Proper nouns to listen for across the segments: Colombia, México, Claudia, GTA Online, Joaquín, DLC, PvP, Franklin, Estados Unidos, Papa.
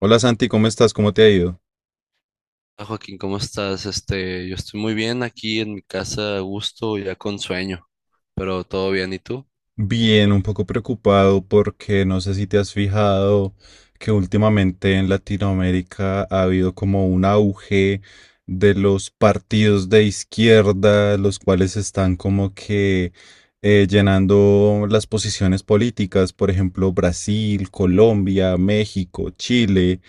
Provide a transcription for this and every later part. Hola Santi, ¿cómo estás? ¿Cómo te ha ido? Hola, Joaquín, ¿cómo estás? Yo estoy muy bien aquí en mi casa, a gusto, ya con sueño, pero todo bien, ¿y tú? Bien, un poco preocupado porque no sé si te has fijado que últimamente en Latinoamérica ha habido como un auge de los partidos de izquierda, los cuales están como que llenando las posiciones políticas, por ejemplo, Brasil, Colombia, México, Chile,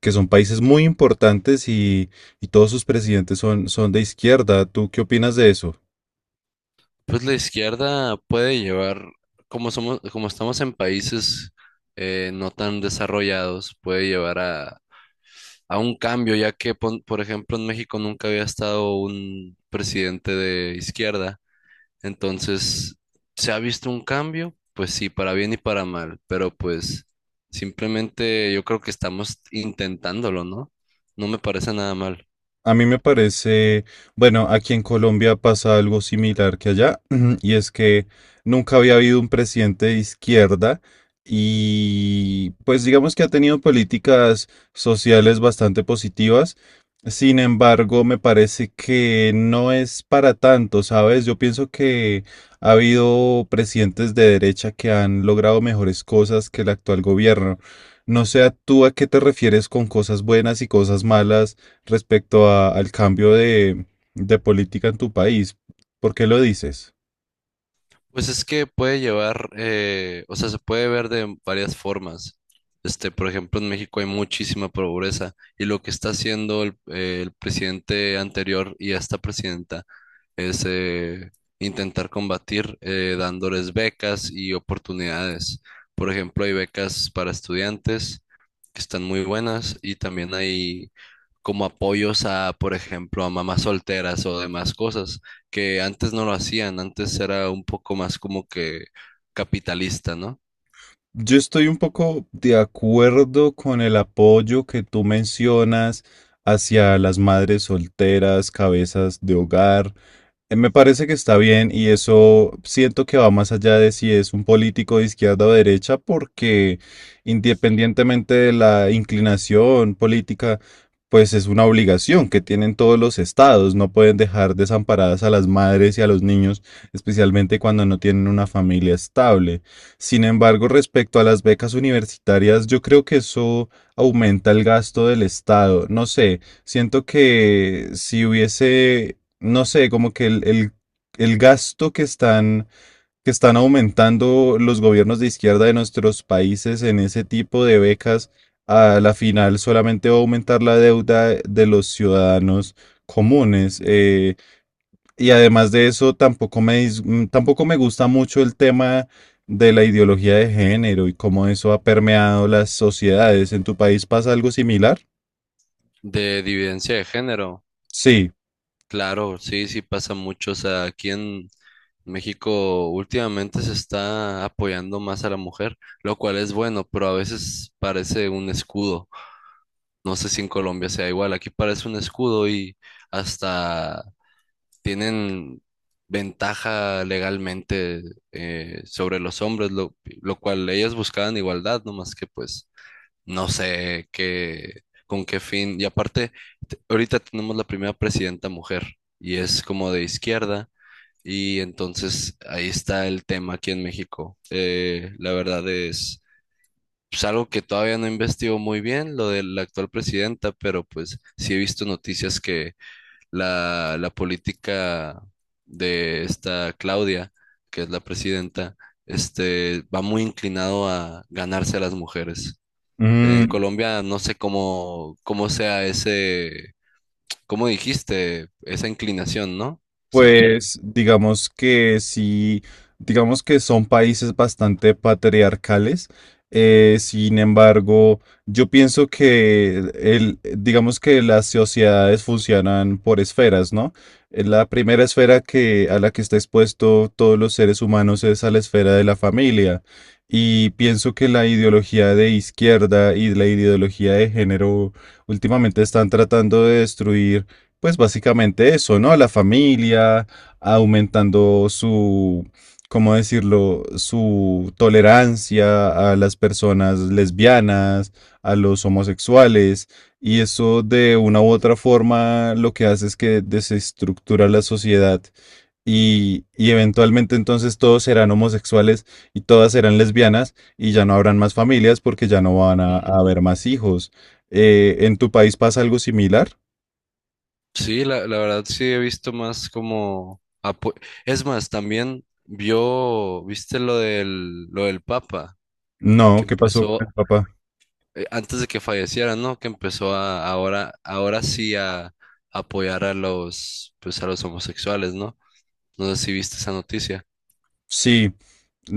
que son países muy importantes y todos sus presidentes son de izquierda. ¿Tú qué opinas de eso? Pues la izquierda puede llevar, como somos, como estamos en países no tan desarrollados, puede llevar a un cambio, ya que, por ejemplo, en México nunca había estado un presidente de izquierda. Entonces, ¿se ha visto un cambio? Pues sí, para bien y para mal, pero pues simplemente yo creo que estamos intentándolo, ¿no? No me parece nada mal. A mí me parece, bueno, aquí en Colombia pasa algo similar que allá, y es que nunca había habido un presidente de izquierda y pues digamos que ha tenido políticas sociales bastante positivas. Sin embargo, me parece que no es para tanto, ¿sabes? Yo pienso que ha habido presidentes de derecha que han logrado mejores cosas que el actual gobierno. No sé, ¿a ¿tú a qué te refieres con cosas buenas y cosas malas respecto al cambio de política en tu país? ¿Por qué lo dices? Pues es que puede llevar, o sea, se puede ver de varias formas. Por ejemplo, en México hay muchísima pobreza y lo que está haciendo el presidente anterior y esta presidenta es intentar combatir, dándoles becas y oportunidades. Por ejemplo, hay becas para estudiantes que están muy buenas y también hay como apoyos a, por ejemplo, a mamás solteras o demás cosas que antes no lo hacían, antes era un poco más como que capitalista, ¿no? Yo estoy un poco de acuerdo con el apoyo que tú mencionas hacia las madres solteras, cabezas de hogar. Me parece que está bien y eso siento que va más allá de si es un político de izquierda o derecha, porque independientemente de la inclinación política, pues es una obligación que tienen todos los estados. No pueden dejar desamparadas a las madres y a los niños, especialmente cuando no tienen una familia estable. Sin embargo, respecto a las becas universitarias, yo creo que eso aumenta el gasto del estado. No sé, siento que si hubiese, no sé, como que el gasto que que están aumentando los gobiernos de izquierda de nuestros países en ese tipo de becas, a la final solamente va a aumentar la deuda de los ciudadanos comunes. Y además de eso, tampoco me, tampoco me gusta mucho el tema de la ideología de género y cómo eso ha permeado las sociedades. ¿En tu país pasa algo similar? De dividencia de género, Sí. claro, sí, sí pasa mucho, o sea, aquí en México últimamente se está apoyando más a la mujer, lo cual es bueno, pero a veces parece un escudo, no sé si en Colombia sea igual, aquí parece un escudo y hasta tienen ventaja legalmente sobre los hombres, lo cual ellas buscaban igualdad, no más que pues no sé qué, con qué fin. Y aparte, ahorita tenemos la primera presidenta mujer y es como de izquierda. Y entonces ahí está el tema aquí en México. La verdad es pues, algo que todavía no investigo muy bien, lo de la actual presidenta, pero pues sí he visto noticias que la política de esta Claudia, que es la presidenta, va muy inclinado a ganarse a las mujeres. En Mm, Colombia no sé cómo, cómo sea ese, cómo dijiste, esa inclinación, ¿no? O sea, pues digamos que sí, digamos que son países bastante patriarcales. Sin embargo, yo pienso que el, digamos que las sociedades funcionan por esferas, ¿no? La primera esfera que, a la que está expuesto todos los seres humanos es a la esfera de la familia. Y pienso que la ideología de izquierda y la ideología de género últimamente están tratando de destruir pues básicamente eso, ¿no? La familia, aumentando su, ¿cómo decirlo? Su tolerancia a las personas lesbianas, a los homosexuales, y eso de una u otra forma lo que hace es que desestructura la sociedad. Y eventualmente entonces todos serán homosexuales y todas serán lesbianas y ya no habrán más familias porque ya no van a ujú. haber más hijos. ¿En tu país pasa algo similar? Sí, la verdad sí he visto más como apo-. Es más, también viste lo lo del Papa, No, que ¿qué pasó empezó, con el papá? Antes de que falleciera, ¿no? Que empezó a, ahora sí a apoyar a los, pues a los homosexuales, ¿no? No sé si viste esa noticia. Sí,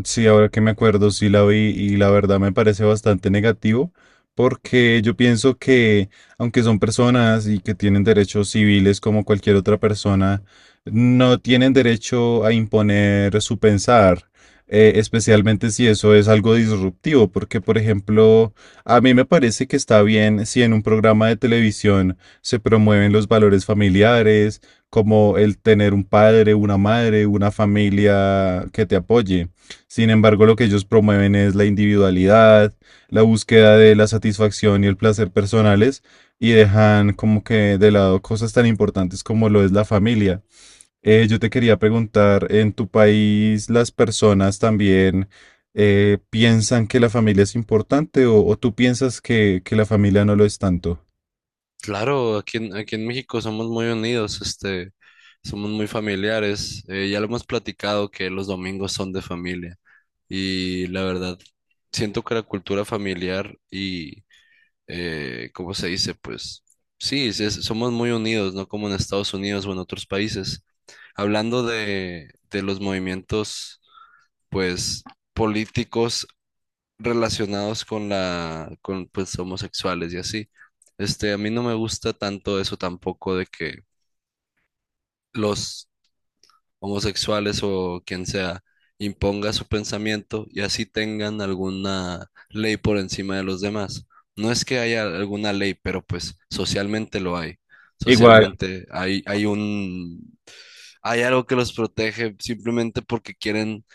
sí, ahora que me acuerdo, sí la vi y la verdad me parece bastante negativo porque yo pienso que aunque son personas y que tienen derechos civiles como cualquier otra persona, no tienen derecho a imponer su pensar, especialmente si eso es algo disruptivo, porque por ejemplo, a mí me parece que está bien si en un programa de televisión se promueven los valores familiares, como el tener un padre, una madre, una familia que te apoye. Sin embargo, lo que ellos promueven es la individualidad, la búsqueda de la satisfacción y el placer personales, y dejan como que de lado cosas tan importantes como lo es la familia. Yo te quería preguntar, ¿en tu país las personas también piensan que la familia es importante, o tú piensas que la familia no lo es tanto? Claro, aquí en México somos muy unidos, somos muy familiares. Ya lo hemos platicado que los domingos son de familia y la verdad, siento que la cultura familiar y, ¿cómo se dice? Pues sí, sí, somos muy unidos, no como en Estados Unidos o en otros países. Hablando de los movimientos, pues, políticos relacionados con la, con pues homosexuales y así. A mí no me gusta tanto eso tampoco de que los homosexuales o quien sea imponga su pensamiento y así tengan alguna ley por encima de los demás. No es que haya alguna ley, pero pues socialmente lo hay. Socialmente hay un, hay algo que los protege simplemente porque quieren,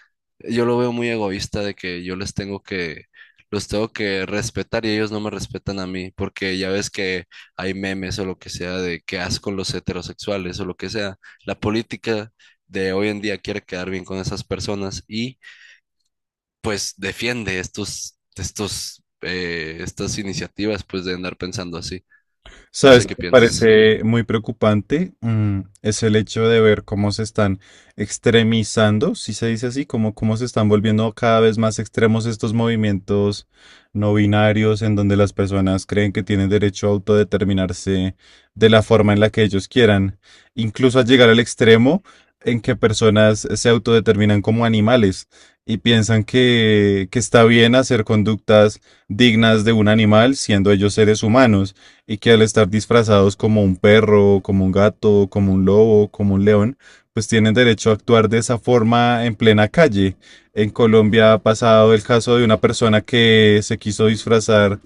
yo lo veo muy egoísta de que yo les tengo los tengo que respetar y ellos no me respetan a mí, porque ya ves que hay memes o lo que sea de qué asco los heterosexuales o lo que sea. La política de hoy en día quiere quedar bien con esas personas y pues defiende estas iniciativas pues de andar pensando así. No sé ¿Sabes qué qué me piensas. parece muy preocupante? Mm, es el hecho de ver cómo se están extremizando, si se dice así, como cómo se están volviendo cada vez más extremos estos movimientos no binarios en donde las personas creen que tienen derecho a autodeterminarse de la forma en la que ellos quieran, incluso a llegar al extremo en que personas se autodeterminan como animales y piensan que está bien hacer conductas dignas de un animal siendo ellos seres humanos, y que al estar disfrazados como un perro, como un gato, como un lobo, como un león, pues tienen derecho a actuar de esa forma en plena calle. En Colombia ha pasado el caso de una persona que se quiso disfrazar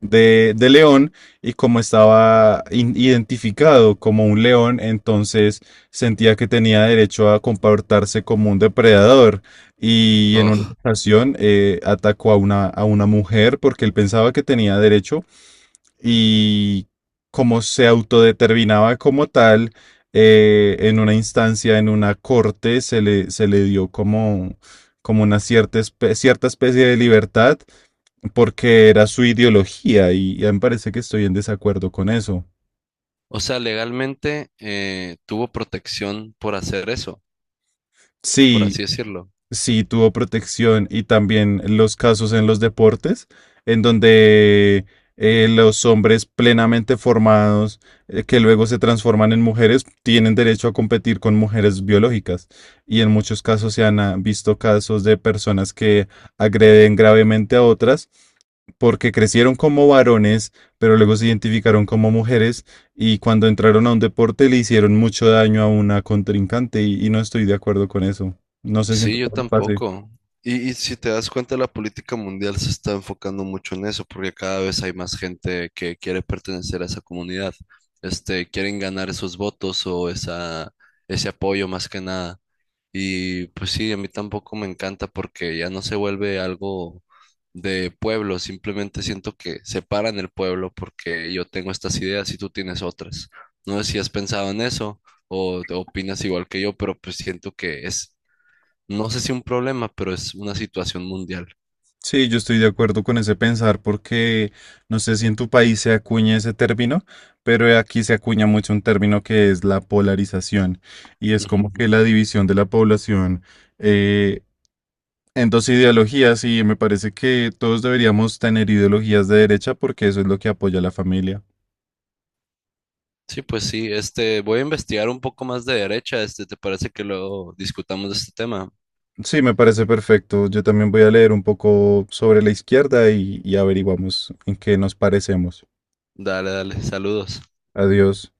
de león, y como estaba identificado como un león, entonces sentía que tenía derecho a comportarse como un depredador, y en una Oh. ocasión atacó a a una mujer porque él pensaba que tenía derecho, y como se autodeterminaba como tal, en una instancia, en una corte, se se le dio como como una cierta, cierta especie de libertad porque era su ideología, y me parece que estoy en desacuerdo con eso. O sea, legalmente, tuvo protección por hacer eso, por Sí, así decirlo. sí tuvo protección, y también los casos en los deportes, en donde los hombres plenamente formados, que luego se transforman en mujeres, tienen derecho a competir con mujeres biológicas. Y en muchos casos se han ah, visto casos de personas que agreden gravemente a otras porque crecieron como varones, pero luego se identificaron como mujeres, y cuando entraron a un deporte le hicieron mucho daño a una contrincante, y no estoy de acuerdo con eso. No sé si en tu Sí, yo país pase. tampoco. Y si te das cuenta, la política mundial se está enfocando mucho en eso, porque cada vez hay más gente que quiere pertenecer a esa comunidad. Quieren ganar esos votos o ese apoyo más que nada. Y pues sí, a mí tampoco me encanta porque ya no se vuelve algo de pueblo, simplemente siento que separan el pueblo porque yo tengo estas ideas y tú tienes otras. No sé si has pensado en eso o te opinas igual que yo, pero pues siento que es, no sé si un problema, pero es una situación mundial. Sí, yo estoy de acuerdo con ese pensar porque no sé si en tu país se acuña ese término, pero aquí se acuña mucho un término que es la polarización, y es Ujú. como que la división de la población eh, en dos ideologías, y me parece que todos deberíamos tener ideologías de derecha porque eso es lo que apoya a la familia. Sí, pues sí, voy a investigar un poco más de derecha, ¿te parece que luego discutamos de este tema? Sí, me parece perfecto. Yo también voy a leer un poco sobre la izquierda y averiguamos en qué nos parecemos. Dale, dale, saludos. Adiós.